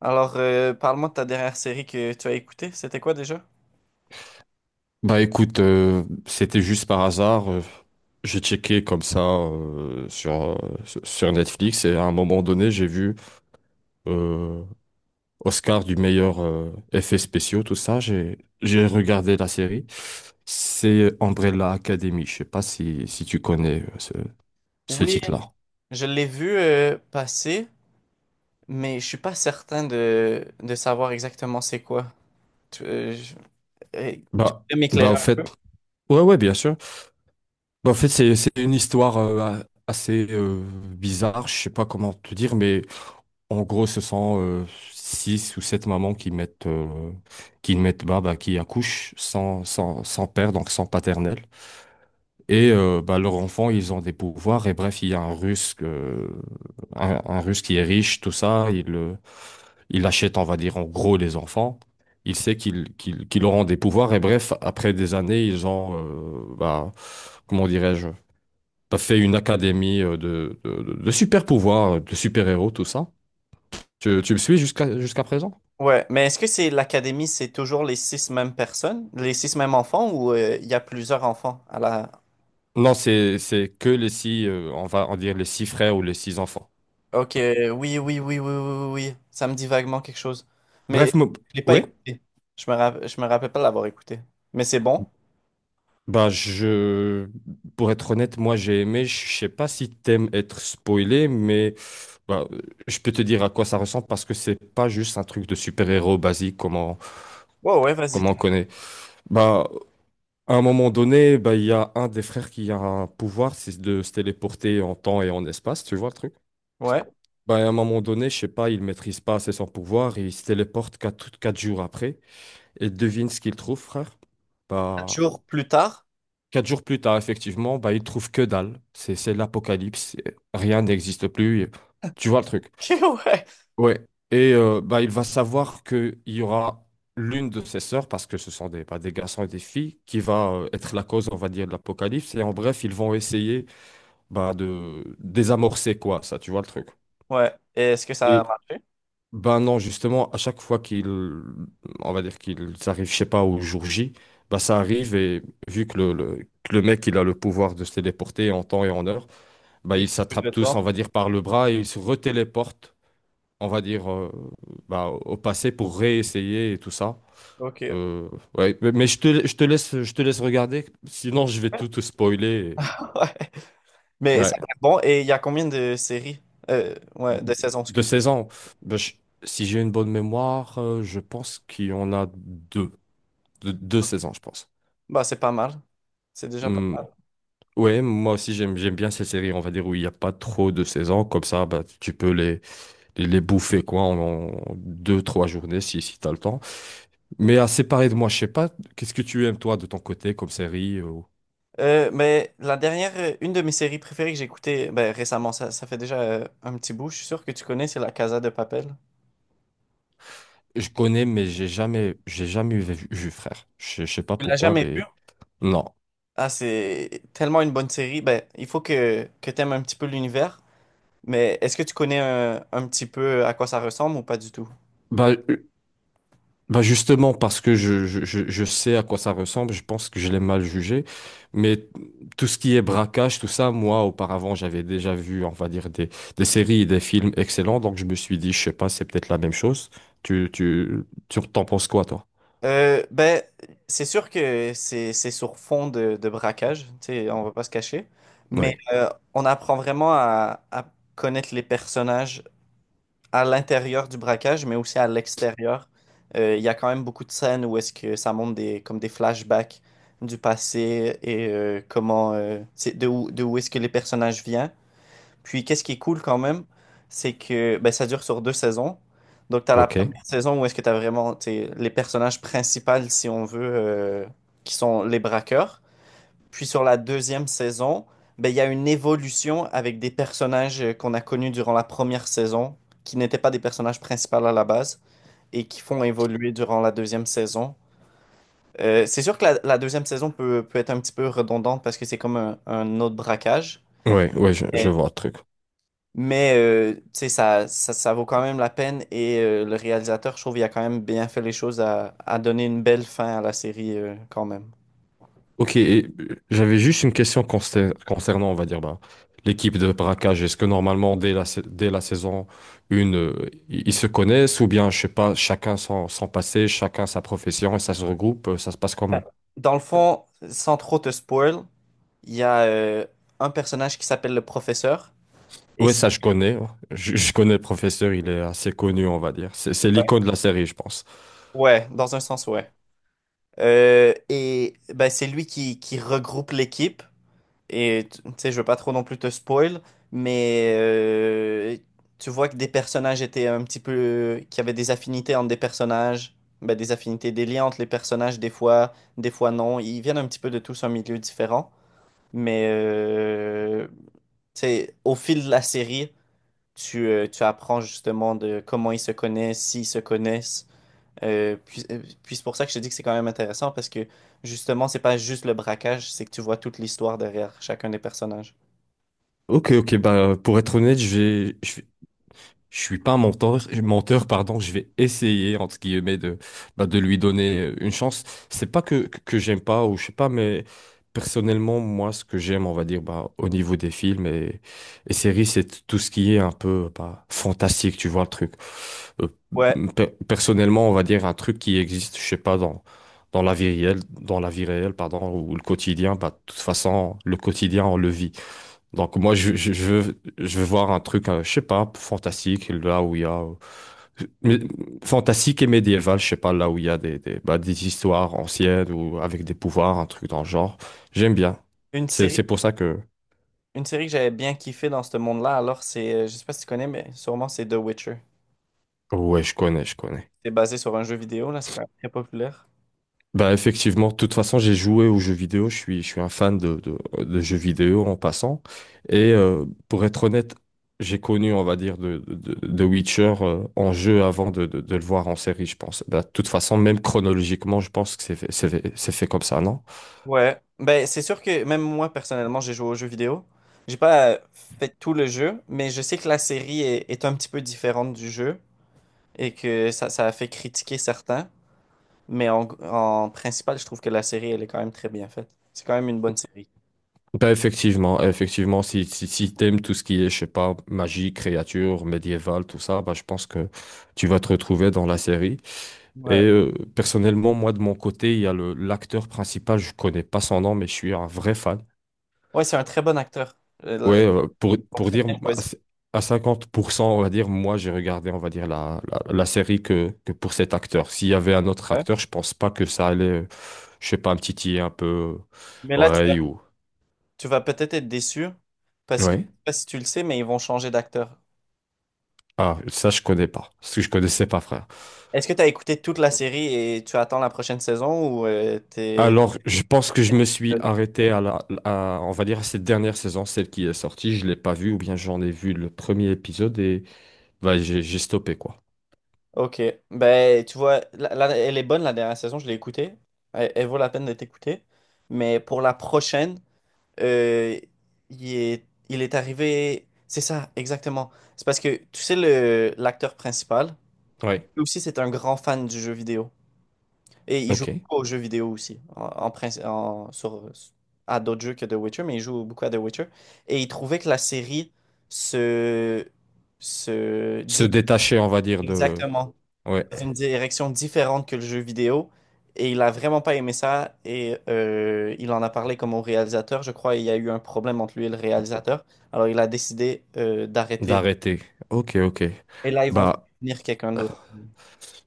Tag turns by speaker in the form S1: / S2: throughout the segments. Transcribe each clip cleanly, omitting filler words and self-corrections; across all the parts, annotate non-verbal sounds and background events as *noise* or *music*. S1: Alors, parle-moi de ta dernière série que tu as écoutée. C'était quoi déjà?
S2: Bah écoute, c'était juste par hasard. J'ai checké comme ça sur Netflix et à un moment donné, j'ai vu euh, Oscar du meilleur effet spéciaux, tout ça. J'ai regardé la série. C'est Umbrella Academy. Je sais pas si tu connais ce
S1: Oui,
S2: titre-là.
S1: je l'ai vu passer, mais je suis pas certain de savoir exactement c'est quoi. Tu, euh, je- euh, Tu
S2: Bah,
S1: peux
S2: bah
S1: m'éclairer?
S2: au fait, ouais, ouais, bien sûr. Bah, en fait, c'est une histoire assez bizarre. Je sais pas comment te dire, mais. En gros, ce sont six ou sept mamans qui mettent bah, bah, qui accouchent sans père, donc sans paternel. Et bah, leurs enfants, ils ont des pouvoirs. Et bref, il y a un Russe, un Russe qui est riche, tout ça. Il achète, on va dire, en gros, les enfants. Il sait qu'ils auront des pouvoirs. Et bref, après des années, ils ont, bah, comment dirais-je, bah, fait une académie de super pouvoirs, de super-héros, tout ça. Tu me suis jusqu'à présent?
S1: Ouais, mais est-ce que c'est l'académie, c'est toujours les six mêmes personnes, les six mêmes enfants, ou il y a plusieurs enfants à la...
S2: Non, c'est que les six, on va en dire les six frères ou les six enfants.
S1: Ok, oui, oui, oui, oui, oui, oui, oui. Ça me dit vaguement quelque chose. Mais
S2: Bref,
S1: je l'ai pas
S2: ouais.
S1: écouté. Je me rappelle pas l'avoir écouté. Mais c'est bon?
S2: Bah, pour être honnête, moi j'ai aimé. Je sais pas si t'aimes être spoilé, mais bah, je peux te dire à quoi ça ressemble parce que c'est pas juste un truc de super-héros basique
S1: Ouais, ouais, vas-y.
S2: comme on connaît. Bah, à un moment donné, bah il y a un des frères qui a un pouvoir, c'est de se téléporter en temps et en espace. Tu vois le truc?
S1: Ouais.
S2: Bah, à un moment donné, je sais pas, il maîtrise pas assez son pouvoir et il se téléporte quatre jours après. Et devine ce qu'il trouve, frère.
S1: Quatre
S2: Bah,
S1: jours plus tard?
S2: 4 jours plus tard, effectivement, bah, il trouve que dalle. C'est l'apocalypse. Rien n'existe plus. Tu vois le truc.
S1: *laughs* Ok. Ouais.
S2: Ouais. Et bah, il va savoir qu'il y aura l'une de ses sœurs, parce que ce sont des garçons et des filles, qui va être la cause, on va dire, de l'apocalypse. Et en bref, ils vont essayer bah, de désamorcer quoi, ça, tu vois le truc.
S1: Ouais. Et est-ce que ça
S2: Et
S1: a marché?
S2: ben non, justement, à chaque fois qu'il, on va dire qu'il, ça arrive, je sais pas, au jour J, bah ça arrive et vu que que le mec, il a le pouvoir de se téléporter en temps et en heure, bah
S1: Il
S2: ils
S1: recule
S2: s'attrapent
S1: le
S2: tous, on
S1: temps.
S2: va dire, par le bras et ils se retéléportent, on va dire, bah, au passé pour réessayer et tout ça.
S1: Ok.
S2: Euh, ouais, mais je te laisse regarder, sinon je vais tout te
S1: *laughs*
S2: spoiler.
S1: Ouais. Mais c'est
S2: Ouais.
S1: bon. Et il y a combien de séries? Ouais, de saisons,
S2: De
S1: excuse.
S2: 16 ans, bah, si j'ai une bonne mémoire, je pense qu'il y en a deux. Deux saisons, je pense.
S1: Bah, c'est pas mal. C'est déjà pas
S2: Hmm.
S1: mal.
S2: Ouais, moi aussi j'aime bien ces séries, on va dire, où il n'y a pas trop de saisons. Comme ça, bah, tu peux les bouffer quoi, en deux, trois journées si tu as le temps. Mais à séparer de moi, je sais pas, qu'est-ce que tu aimes toi de ton côté comme série
S1: Mais la dernière, une de mes séries préférées que j'ai écoutées ben, récemment, ça fait déjà un petit bout, je suis sûr que tu connais, c'est La Casa de Papel.
S2: Je connais, mais j'ai jamais vu, frère. Je sais pas
S1: Tu l'as
S2: pourquoi,
S1: jamais vu?
S2: mais non.
S1: Ah, c'est tellement une bonne série. Ben, il faut que tu aimes un petit peu l'univers. Mais est-ce que tu connais un petit peu à quoi ça ressemble ou pas du tout?
S2: Bah, Bah justement, parce que je sais à quoi ça ressemble, je pense que je l'ai mal jugé. Mais tout ce qui est braquage, tout ça, moi, auparavant, j'avais déjà vu, on va dire, des séries et des films excellents. Donc, je me suis dit, je sais pas, c'est peut-être la même chose. Tu, tu, tu t'en penses quoi, toi?
S1: Ben, c'est sûr que c'est sur fond de braquage, tu sais, on va pas se cacher, mais
S2: Oui.
S1: on apprend vraiment à connaître les personnages à l'intérieur du braquage, mais aussi à l'extérieur. Il y a quand même beaucoup de scènes où est-ce que ça montre des, comme des flashbacks du passé et comment, c'est de où est-ce que les personnages viennent. Puis, qu'est-ce qui est cool quand même, c'est que ben, ça dure sur deux saisons. Donc, tu as la
S2: Ok.
S1: première saison où est-ce que tu as vraiment t'sais, les personnages principaux, si on veut, qui sont les braqueurs. Puis, sur la deuxième saison, ben, il y a une évolution avec des personnages qu'on a connus durant la première saison, qui n'étaient pas des personnages principaux à la base, et qui font évoluer durant la deuxième saison. C'est sûr que la deuxième saison peut être un petit peu redondante parce que c'est comme un autre braquage.
S2: Oui, oui, je,
S1: Euh,
S2: je vois le truc.
S1: mais tu sais, ça vaut quand même la peine et le réalisateur, je trouve, il a quand même bien fait les choses à donner une belle fin à la série quand même.
S2: Ok, et j'avais juste une question concernant, on va dire, ben, l'équipe de braquage. Est-ce que normalement, dès la saison 1, ils se connaissent ou bien, je sais pas, chacun son passé, chacun sa profession et ça se regroupe, ça se passe comment?
S1: Dans le fond, sans trop te spoil, il y a un personnage qui s'appelle le professeur. Et
S2: Oui,
S1: c'est-
S2: ça, je connais, hein. Je connais le professeur, il est assez connu, on va dire. C'est
S1: ouais,
S2: l'icône de la série, je pense.
S1: ouais, dans un sens, ouais. Et ben, c'est lui qui regroupe l'équipe. Et tu sais, je veux pas trop non plus te spoil, mais tu vois que des personnages étaient un petit peu... qu'il y avait des affinités entre des personnages, ben, des affinités, des liens entre les personnages, des fois non. Ils viennent un petit peu de tous un milieu différent, mais tu sais, au fil de la série, tu apprends justement de comment ils se connaissent, s'ils se connaissent. Puis c'est pour ça que je te dis que c'est quand même intéressant parce que justement, c'est pas juste le braquage, c'est que tu vois toute l'histoire derrière chacun des personnages.
S2: Ok, ok, bah, pour être honnête, je vais- Je suis pas un menteur, menteur, pardon, je vais essayer, entre guillemets, de lui donner une chance. C'est pas que j'aime pas, ou je sais pas, mais personnellement, moi, ce que j'aime, on va dire, bah, au niveau des films et séries, c'est tout ce qui est un peu, bah, fantastique, tu vois, le truc. Euh,
S1: Ouais,
S2: personnellement, on va dire un truc qui existe, je sais pas, dans la vie réelle, dans la vie réelle, pardon, ou le quotidien, bah, de toute façon, le quotidien, on le vit. Donc, moi, je veux voir un truc, je sais pas, fantastique, là où il y a mais- fantastique et médiéval, je sais pas, là où il y a des histoires anciennes ou avec des pouvoirs, un truc dans le genre, j'aime bien.
S1: une
S2: C'est
S1: série,
S2: pour ça que
S1: une série que j'avais bien kiffé dans ce monde-là, alors c'est, je sais pas si tu connais, mais sûrement c'est The Witcher.
S2: ouais, je connais.
S1: C'est basé sur un jeu vidéo, là, c'est quand même très populaire.
S2: Bah effectivement, de toute façon, j'ai joué aux jeux vidéo, je suis un fan de jeux vidéo en passant. Et pour être honnête, j'ai connu, on va dire, de Witcher en jeu avant de le voir en série, je pense. Bah, de toute façon, même chronologiquement, je pense que c'est fait comme ça, non?
S1: Ouais, ben c'est sûr que même moi personnellement, j'ai joué au jeu vidéo. J'ai pas fait tout le jeu, mais je sais que la série est un petit peu différente du jeu et que ça a fait critiquer certains. Mais en principal, je trouve que la série, elle est quand même très bien faite. C'est quand même une bonne série.
S2: Ben effectivement, effectivement, si t'aimes tout ce qui est, je sais pas, magie, créature, médiévale, tout ça, ben je pense que tu vas te retrouver dans la série. Et
S1: Ouais,
S2: personnellement, moi, de mon côté, il y a le l'acteur principal, je connais pas son nom, mais je suis un vrai fan.
S1: ouais, c'est un très bon acteur. Euh, là,
S2: Ouais, pour,
S1: Ils sont
S2: pour
S1: très
S2: dire,
S1: bien
S2: à
S1: choisi
S2: 50%, on va dire, moi, j'ai regardé, on va dire, la série que pour cet acteur. S'il y avait un autre
S1: Ouais.
S2: acteur, je pense pas que ça allait, je sais pas, me titiller un peu,
S1: Mais là, tu
S2: l'oreille ou.
S1: Tu vas peut-être être déçu parce que, je
S2: Ouais.
S1: sais pas si tu le sais, mais ils vont changer d'acteur.
S2: Ah, ça, je connais pas. Parce que je connaissais pas, frère.
S1: Est-ce que tu as écouté toute la série et tu attends la prochaine saison ou t'es...
S2: Alors, je pense que je me suis
S1: euh,
S2: arrêté on va dire, à cette dernière saison, celle qui est sortie. Je l'ai pas vue, ou bien j'en ai vu le premier épisode et, bah, j'ai stoppé, quoi.
S1: Ok, ben tu vois, elle est bonne la dernière saison, je l'ai écoutée. Elle, elle vaut la peine d'être écoutée. Mais pour la prochaine, euh, il est arrivé. C'est ça, exactement. C'est parce que tu sais, l'acteur principal,
S2: Ouais.
S1: lui aussi, c'est un grand fan du jeu vidéo. Et il joue
S2: Ok.
S1: beaucoup aux jeux vidéo aussi, sur, à d'autres jeux que The Witcher, mais il joue beaucoup à The Witcher. Et il trouvait que la série se, se
S2: Se
S1: dit
S2: détacher, on va dire,
S1: exactement
S2: ouais,
S1: dans une direction différente que le jeu vidéo. Et il a vraiment pas aimé ça. Et il en a parlé comme au réalisateur. Je crois il y a eu un problème entre lui et le réalisateur. Alors il a décidé d'arrêter.
S2: d'arrêter. Ok, ok.
S1: Et là, ils vont
S2: Bah,
S1: finir quelqu'un d'autre.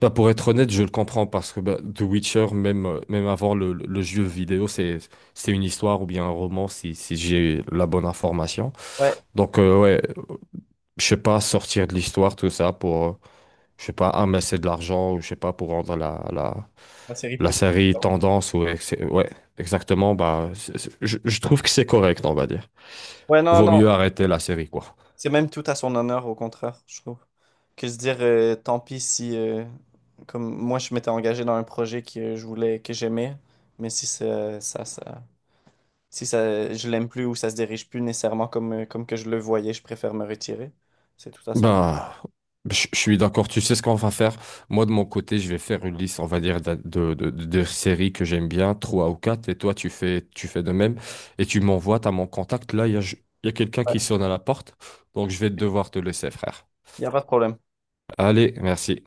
S2: bah, pour être honnête, je le comprends parce que, bah, The Witcher, même, même avant le jeu vidéo, c'est une histoire ou bien un roman si j'ai la bonne information.
S1: Ouais,
S2: Donc, ouais. Je sais pas, sortir de l'histoire, tout ça, pour, je sais pas, amasser de l'argent, ou je sais pas, pour rendre la, la,
S1: la série
S2: la
S1: plus.
S2: série tendance, ou ouais, exactement, bah, je trouve que c'est correct, on va dire.
S1: Ouais, non,
S2: Vaut
S1: non.
S2: mieux arrêter la série, quoi.
S1: C'est même tout à son honneur, au contraire, je trouve. Que se dire, tant pis si, comme moi, je m'étais engagé dans un projet que je voulais, que j'aimais, mais si si ça, je l'aime plus ou ça se dirige plus nécessairement comme, comme que je le voyais, je préfère me retirer. C'est tout à son honneur.
S2: Bah, je suis d'accord, tu sais ce qu'on va faire. Moi, de mon côté, je vais faire une liste, on va dire, de séries que j'aime bien, trois ou quatre, et toi, tu fais de même, et tu m'envoies, t'as mon contact, là, il y a quelqu'un
S1: Ouais,
S2: qui sonne à la porte, donc je vais devoir te laisser, frère.
S1: il n'y a pas de problème.
S2: Allez, merci.